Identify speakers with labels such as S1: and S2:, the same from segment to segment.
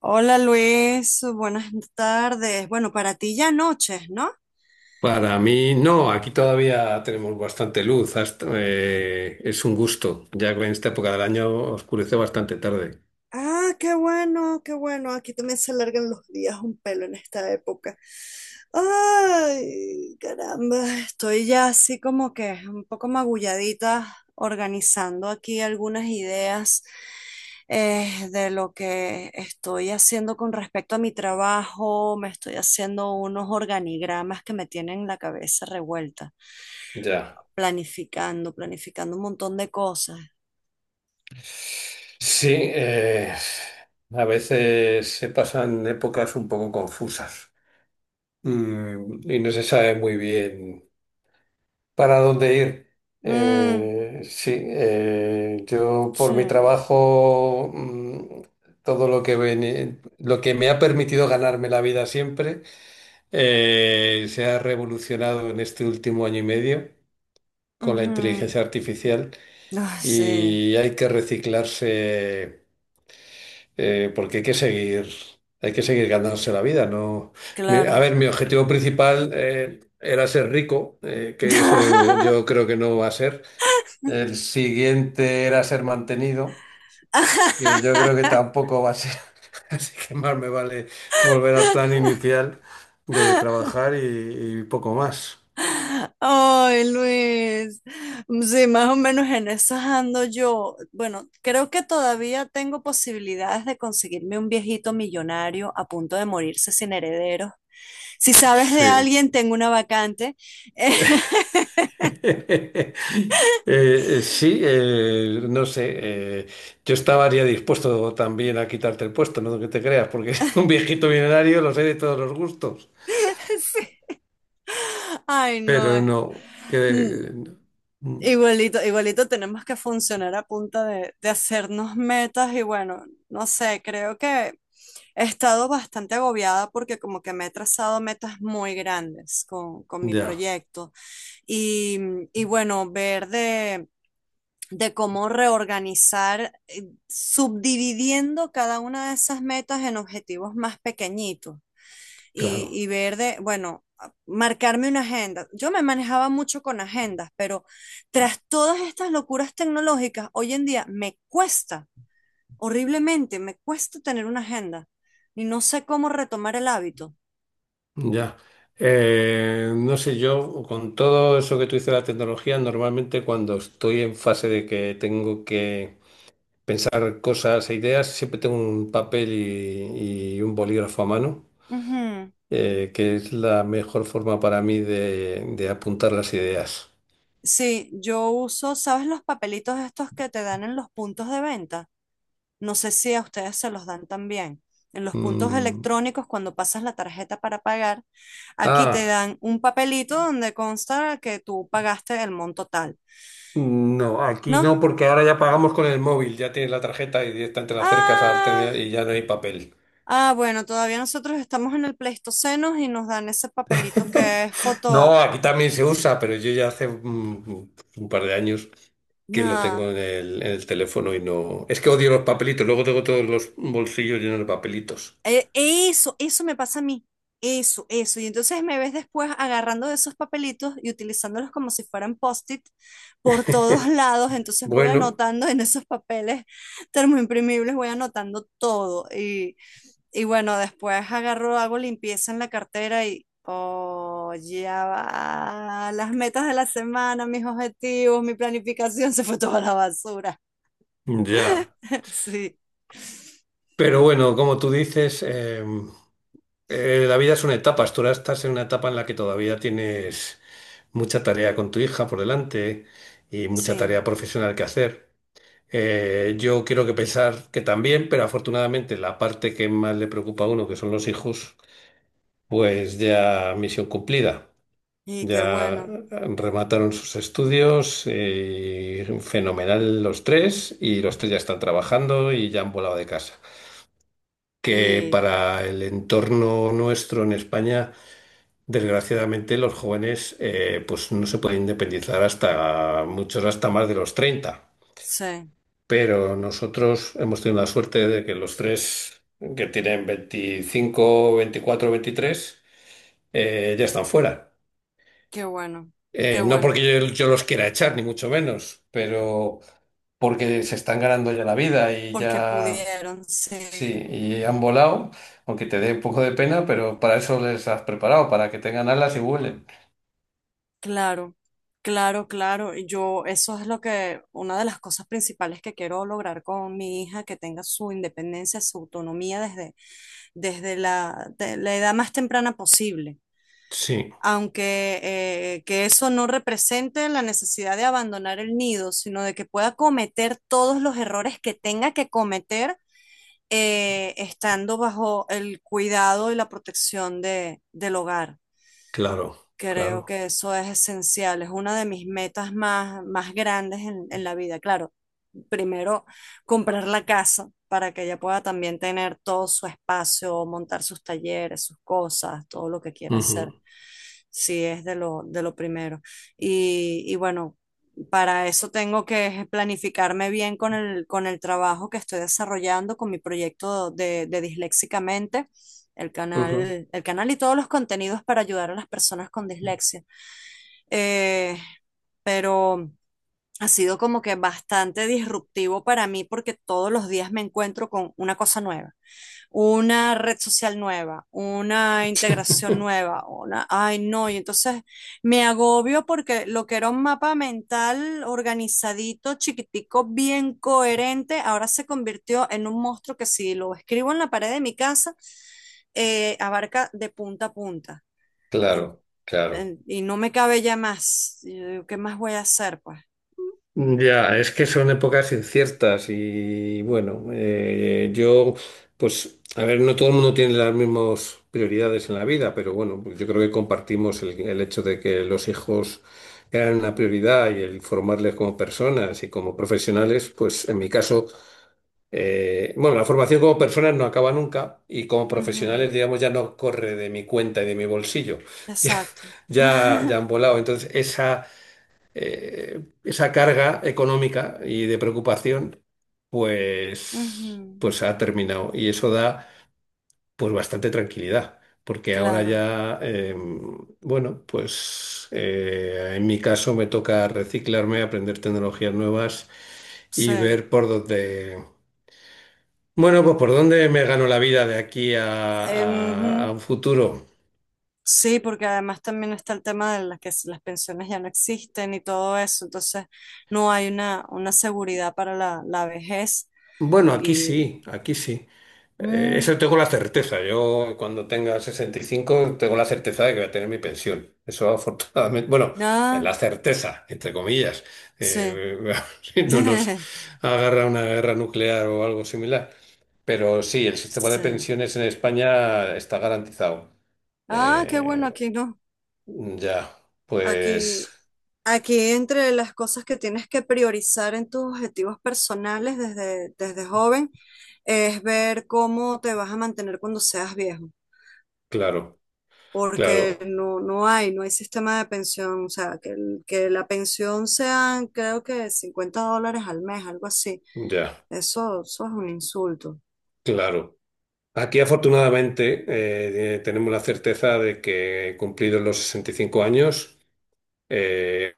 S1: Hola Luis, buenas tardes. Bueno, para ti ya noches, ¿no?
S2: Para mí, no, aquí todavía tenemos bastante luz. Es un gusto, ya que en esta época del año oscurece bastante tarde.
S1: Ah, qué bueno, qué bueno. Aquí también se alargan los días un pelo en esta época. Ay, caramba, estoy ya así como que un poco magulladita organizando aquí algunas ideas de lo que estoy haciendo con respecto a mi trabajo. Me estoy haciendo unos organigramas que me tienen la cabeza revuelta,
S2: Ya.
S1: planificando un montón de cosas.
S2: Sí, a veces se pasan épocas un poco confusas. Mm, y no se sabe muy bien para dónde ir.
S1: Mm,
S2: Sí, yo
S1: sí.
S2: por mi trabajo, todo lo que, lo que me ha permitido ganarme la vida siempre. Se ha revolucionado en este último año y medio con la
S1: Ujú.
S2: inteligencia artificial,
S1: Ah, sí,
S2: y hay que reciclarse, porque hay que seguir ganándose la vida, ¿no? A
S1: claro.
S2: ver, mi objetivo principal, era ser rico, que eso yo creo que no va a ser. El siguiente era ser mantenido, que yo creo que tampoco va a ser. Así que más me vale volver al plan inicial de trabajar y poco más.
S1: Ay, Luis. Sí, más o menos en esas ando yo. Bueno, creo que todavía tengo posibilidades de conseguirme un viejito millonario a punto de morirse sin herederos. Si sabes de
S2: Sí.
S1: alguien, tengo una vacante.
S2: Sí, no sé. Yo estaría dispuesto también a quitarte el puesto, no que te creas, porque un viejito millonario los hay de todos los gustos.
S1: Sí. Ay, no.
S2: Pero no,
S1: Mm,
S2: que... mm.
S1: Igualito, igualito tenemos que funcionar a punta de hacernos metas y bueno, no sé, creo que he estado bastante agobiada porque como que me he trazado metas muy grandes con mi
S2: Ya,
S1: proyecto y, y bueno, ver de cómo reorganizar, subdividiendo cada una de esas metas en objetivos más pequeñitos
S2: claro,
S1: y ver de, bueno, marcarme una agenda. Yo me manejaba mucho con agendas, pero tras todas estas locuras tecnológicas, hoy en día me cuesta, horriblemente, me cuesta tener una agenda y no sé cómo retomar el hábito.
S2: ya. No sé, yo con todo eso que tú dices de la tecnología, normalmente cuando estoy en fase de que tengo que pensar cosas e ideas, siempre tengo un papel y un bolígrafo a mano.
S1: Ujú.
S2: Que es la mejor forma para mí de apuntar las ideas.
S1: Sí, yo uso, ¿sabes los papelitos estos que te dan en los puntos de venta? No sé si a ustedes se los dan también. En los puntos
S2: Mm.
S1: electrónicos, cuando pasas la tarjeta para pagar, aquí te
S2: Ah,
S1: dan un papelito donde consta que tú pagaste el monto tal,
S2: no, aquí
S1: ¿no?
S2: no, porque ahora ya pagamos con el móvil, ya tienes la tarjeta y directamente la acercas al
S1: Ah,
S2: terminal y ya no hay papel.
S1: ah, bueno, todavía nosotros estamos en el Pleistoceno y nos dan ese papelito que es foto.
S2: No, aquí también se usa, pero yo ya hace un par de años que lo
S1: Nah.
S2: tengo en el teléfono y no... Es que odio los papelitos, luego tengo todos los bolsillos llenos de papelitos.
S1: Eso, eso me pasa a mí. Eso, eso. Y entonces me ves después agarrando de esos papelitos y utilizándolos como si fueran post-it por todos lados. Entonces voy
S2: Bueno,
S1: anotando en esos papeles termoimprimibles, voy anotando todo. Y bueno, después agarro, hago limpieza en la cartera y, oh, ya va. Las metas de la semana, mis objetivos, mi planificación se fue toda a la basura.
S2: ya.
S1: Sí,
S2: Pero bueno, como tú dices, la vida es una etapa, tú ahora estás en una etapa en la que todavía tienes mucha tarea con tu hija por delante y mucha
S1: sí.
S2: tarea profesional que hacer. Yo quiero que pensar que también, pero afortunadamente la parte que más le preocupa a uno, que son los hijos, pues ya misión cumplida.
S1: Y qué
S2: Ya
S1: bueno.
S2: remataron sus estudios, fenomenal los tres, y los tres ya están trabajando y ya han volado de casa. Que
S1: Y
S2: para el entorno nuestro en España, desgraciadamente los jóvenes, pues no se pueden independizar hasta muchos hasta más de los 30.
S1: sí.
S2: Pero nosotros hemos tenido la suerte de que los tres que tienen 25, 24, veintitrés, ya están fuera.
S1: Qué bueno, qué
S2: No porque
S1: bueno,
S2: yo, los quiera echar, ni mucho menos, pero porque se están ganando ya la vida y
S1: porque
S2: ya
S1: pudieron,
S2: sí,
S1: sí,
S2: y han volado, aunque te dé un poco de pena, pero para eso les has preparado, para que tengan alas y vuelen.
S1: claro, claro, claro. Y yo, eso es lo que, una de las cosas principales que quiero lograr con mi hija, que tenga su independencia, su autonomía desde, desde la, de la edad más temprana posible.
S2: Sí,
S1: Aunque que eso no represente la necesidad de abandonar el nido, sino de que pueda cometer todos los errores que tenga que cometer estando bajo el cuidado y la protección de, del hogar.
S2: claro,
S1: Creo
S2: claro.
S1: que eso es esencial, es una de mis metas más, más grandes en la vida. Claro, primero comprar la casa para que ella pueda también tener todo su espacio, montar sus talleres, sus cosas, todo lo que quiera
S2: Ujú,
S1: hacer. Sí, es de lo primero. Y bueno, para eso tengo que planificarme bien con el trabajo que estoy desarrollando, con mi proyecto de Disléxicamente
S2: ujú.
S1: el canal y todos los contenidos para ayudar a las personas con dislexia. Eh, pero ha sido como que bastante disruptivo para mí porque todos los días me encuentro con una cosa nueva, una red social nueva, una integración nueva, una, ay no, y entonces me agobio porque lo que era un mapa mental organizadito, chiquitico, bien coherente, ahora se convirtió en un monstruo que si lo escribo en la pared de mi casa, abarca de punta a punta. En-
S2: Claro, claro.
S1: y no me cabe ya más. Y yo digo, ¿qué más voy a hacer, pues?
S2: Ya, es que son épocas inciertas y bueno, yo, pues, a ver, no todo el mundo tiene las mismas prioridades en la vida, pero bueno, pues yo creo que compartimos el hecho de que los hijos eran una prioridad y el formarles como personas y como profesionales, pues en mi caso. Bueno, la formación como personas no acaba nunca y como
S1: Ujú.
S2: profesionales, digamos, ya no corre de mi cuenta y de mi bolsillo.
S1: Exacto.
S2: Ya, ya, ya han volado. Entonces, esa, esa carga económica y de preocupación,
S1: Ujú.
S2: pues ha terminado. Y eso da, pues, bastante tranquilidad. Porque ahora
S1: Claro,
S2: ya, bueno, pues en mi caso me toca reciclarme, aprender tecnologías nuevas y
S1: sí.
S2: ver por dónde. Bueno, pues ¿por dónde me gano la vida de aquí a
S1: Ujú.
S2: un futuro?
S1: Sí, porque además también está el tema de las las pensiones ya no existen y todo eso, entonces no hay una seguridad para la, la vejez
S2: Bueno, aquí
S1: y
S2: sí, aquí sí.
S1: mm,
S2: Eso tengo la certeza. Yo cuando tenga 65 tengo la certeza de que voy a tener mi pensión. Eso afortunadamente, bueno, en
S1: nada,
S2: la certeza, entre comillas.
S1: sí,
S2: Eh, si no nos agarra una guerra nuclear o algo similar. Pero sí, el sistema de
S1: sí.
S2: pensiones en España está garantizado.
S1: Ah, qué bueno,
S2: Eh,
S1: aquí no,
S2: ya, pues
S1: aquí. Aquí entre las cosas que tienes que priorizar en tus objetivos personales desde, desde joven es ver cómo te vas a mantener cuando seas viejo,
S2: claro,
S1: porque
S2: claro.
S1: no, no hay, no hay sistema de pensión, o sea, que, que la pensión sean creo que 50 dólares al mes, algo así.
S2: Ya,
S1: Eso es un insulto.
S2: claro. Aquí afortunadamente, tenemos la certeza de que cumplidos los 65 años, eh,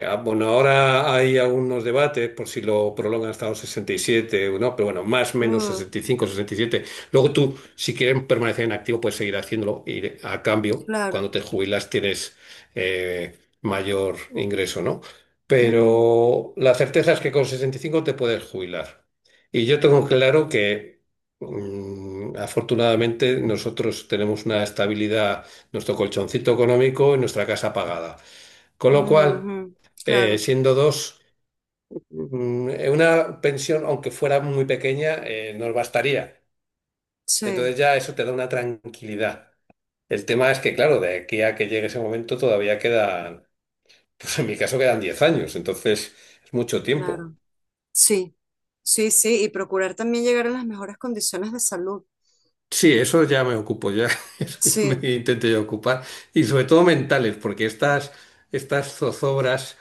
S2: ah, bueno, ahora hay algunos debates por si lo prolongan hasta los 67 o no, pero bueno, más o menos
S1: Mm,
S2: 65, 67. Luego tú, si quieres permanecer en activo, puedes seguir haciéndolo y a cambio,
S1: claro.
S2: cuando te jubilas tienes, eh, mayor ingreso, ¿no?
S1: Mm,
S2: Pero la certeza es que con 65 te puedes jubilar. Y yo tengo claro que, afortunadamente, nosotros tenemos una estabilidad, nuestro colchoncito económico y nuestra casa pagada. Con lo cual,
S1: ujú, claro.
S2: siendo dos, una pensión, aunque fuera muy pequeña, nos bastaría.
S1: Sí,
S2: Entonces ya eso te da una tranquilidad. El tema es que, claro, de aquí a que llegue ese momento todavía quedan, pues en mi caso quedan 10 años, entonces es mucho tiempo.
S1: claro. Sí, sí, sí. Y procurar también llegar a las mejores condiciones de salud.
S2: Sí, eso ya me ocupo, ya, eso ya me
S1: Sí,
S2: intento yo ocupar. Y sobre todo mentales, porque estas, estas zozobras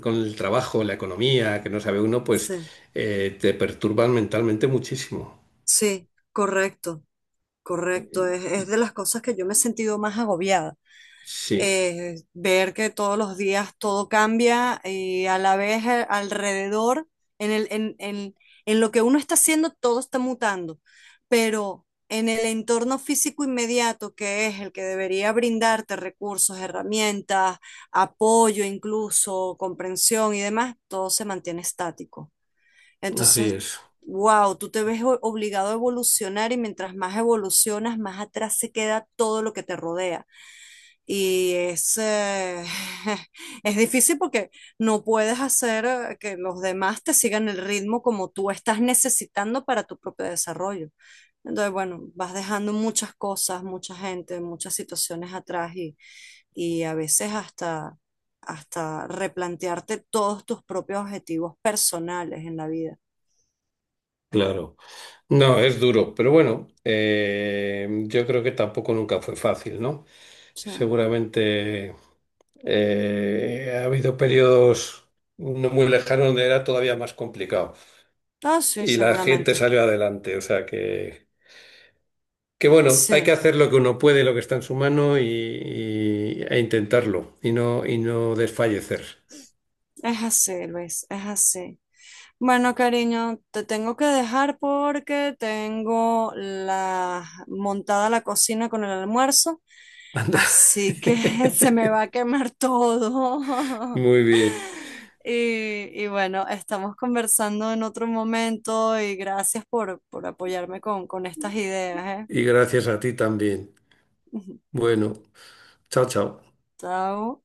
S2: con el trabajo, la economía, que no sabe uno, pues
S1: sí,
S2: te perturban mentalmente muchísimo.
S1: sí, correcto, correcto. Es de las cosas que yo me he sentido más agobiada.
S2: Sí,
S1: Ver que todos los días todo cambia y a la vez alrededor, en el, en lo que uno está haciendo, todo está mutando. Pero en el entorno físico inmediato, que es el que debería brindarte recursos, herramientas, apoyo incluso, comprensión y demás, todo se mantiene estático.
S2: así
S1: Entonces,
S2: es,
S1: wow, tú te ves obligado a evolucionar y mientras más evolucionas, más atrás se queda todo lo que te rodea. Y es, es difícil porque no puedes hacer que los demás te sigan el ritmo como tú estás necesitando para tu propio desarrollo. Entonces, bueno, vas dejando muchas cosas, mucha gente, muchas situaciones atrás y a veces hasta, hasta replantearte todos tus propios objetivos personales en la vida.
S2: claro. No, es duro, pero bueno, yo creo que tampoco nunca fue fácil, ¿no?
S1: Sí.
S2: Seguramente, ha habido periodos no muy lejanos donde era todavía más complicado
S1: Ah, sí,
S2: y la gente
S1: seguramente.
S2: salió adelante, o sea que bueno, hay que
S1: Sí,
S2: hacer lo que uno puede, lo que está en su mano e intentarlo y no desfallecer.
S1: es así, Luis, es así. Bueno, cariño, te tengo que dejar porque tengo la montada la cocina con el almuerzo,
S2: Anda.
S1: así que se me va a quemar todo.
S2: Muy bien,
S1: Y, y bueno, estamos conversando en otro momento y gracias por apoyarme con estas ideas,
S2: y gracias a ti también.
S1: ¿eh?
S2: Bueno. Chao, chao.
S1: Chao.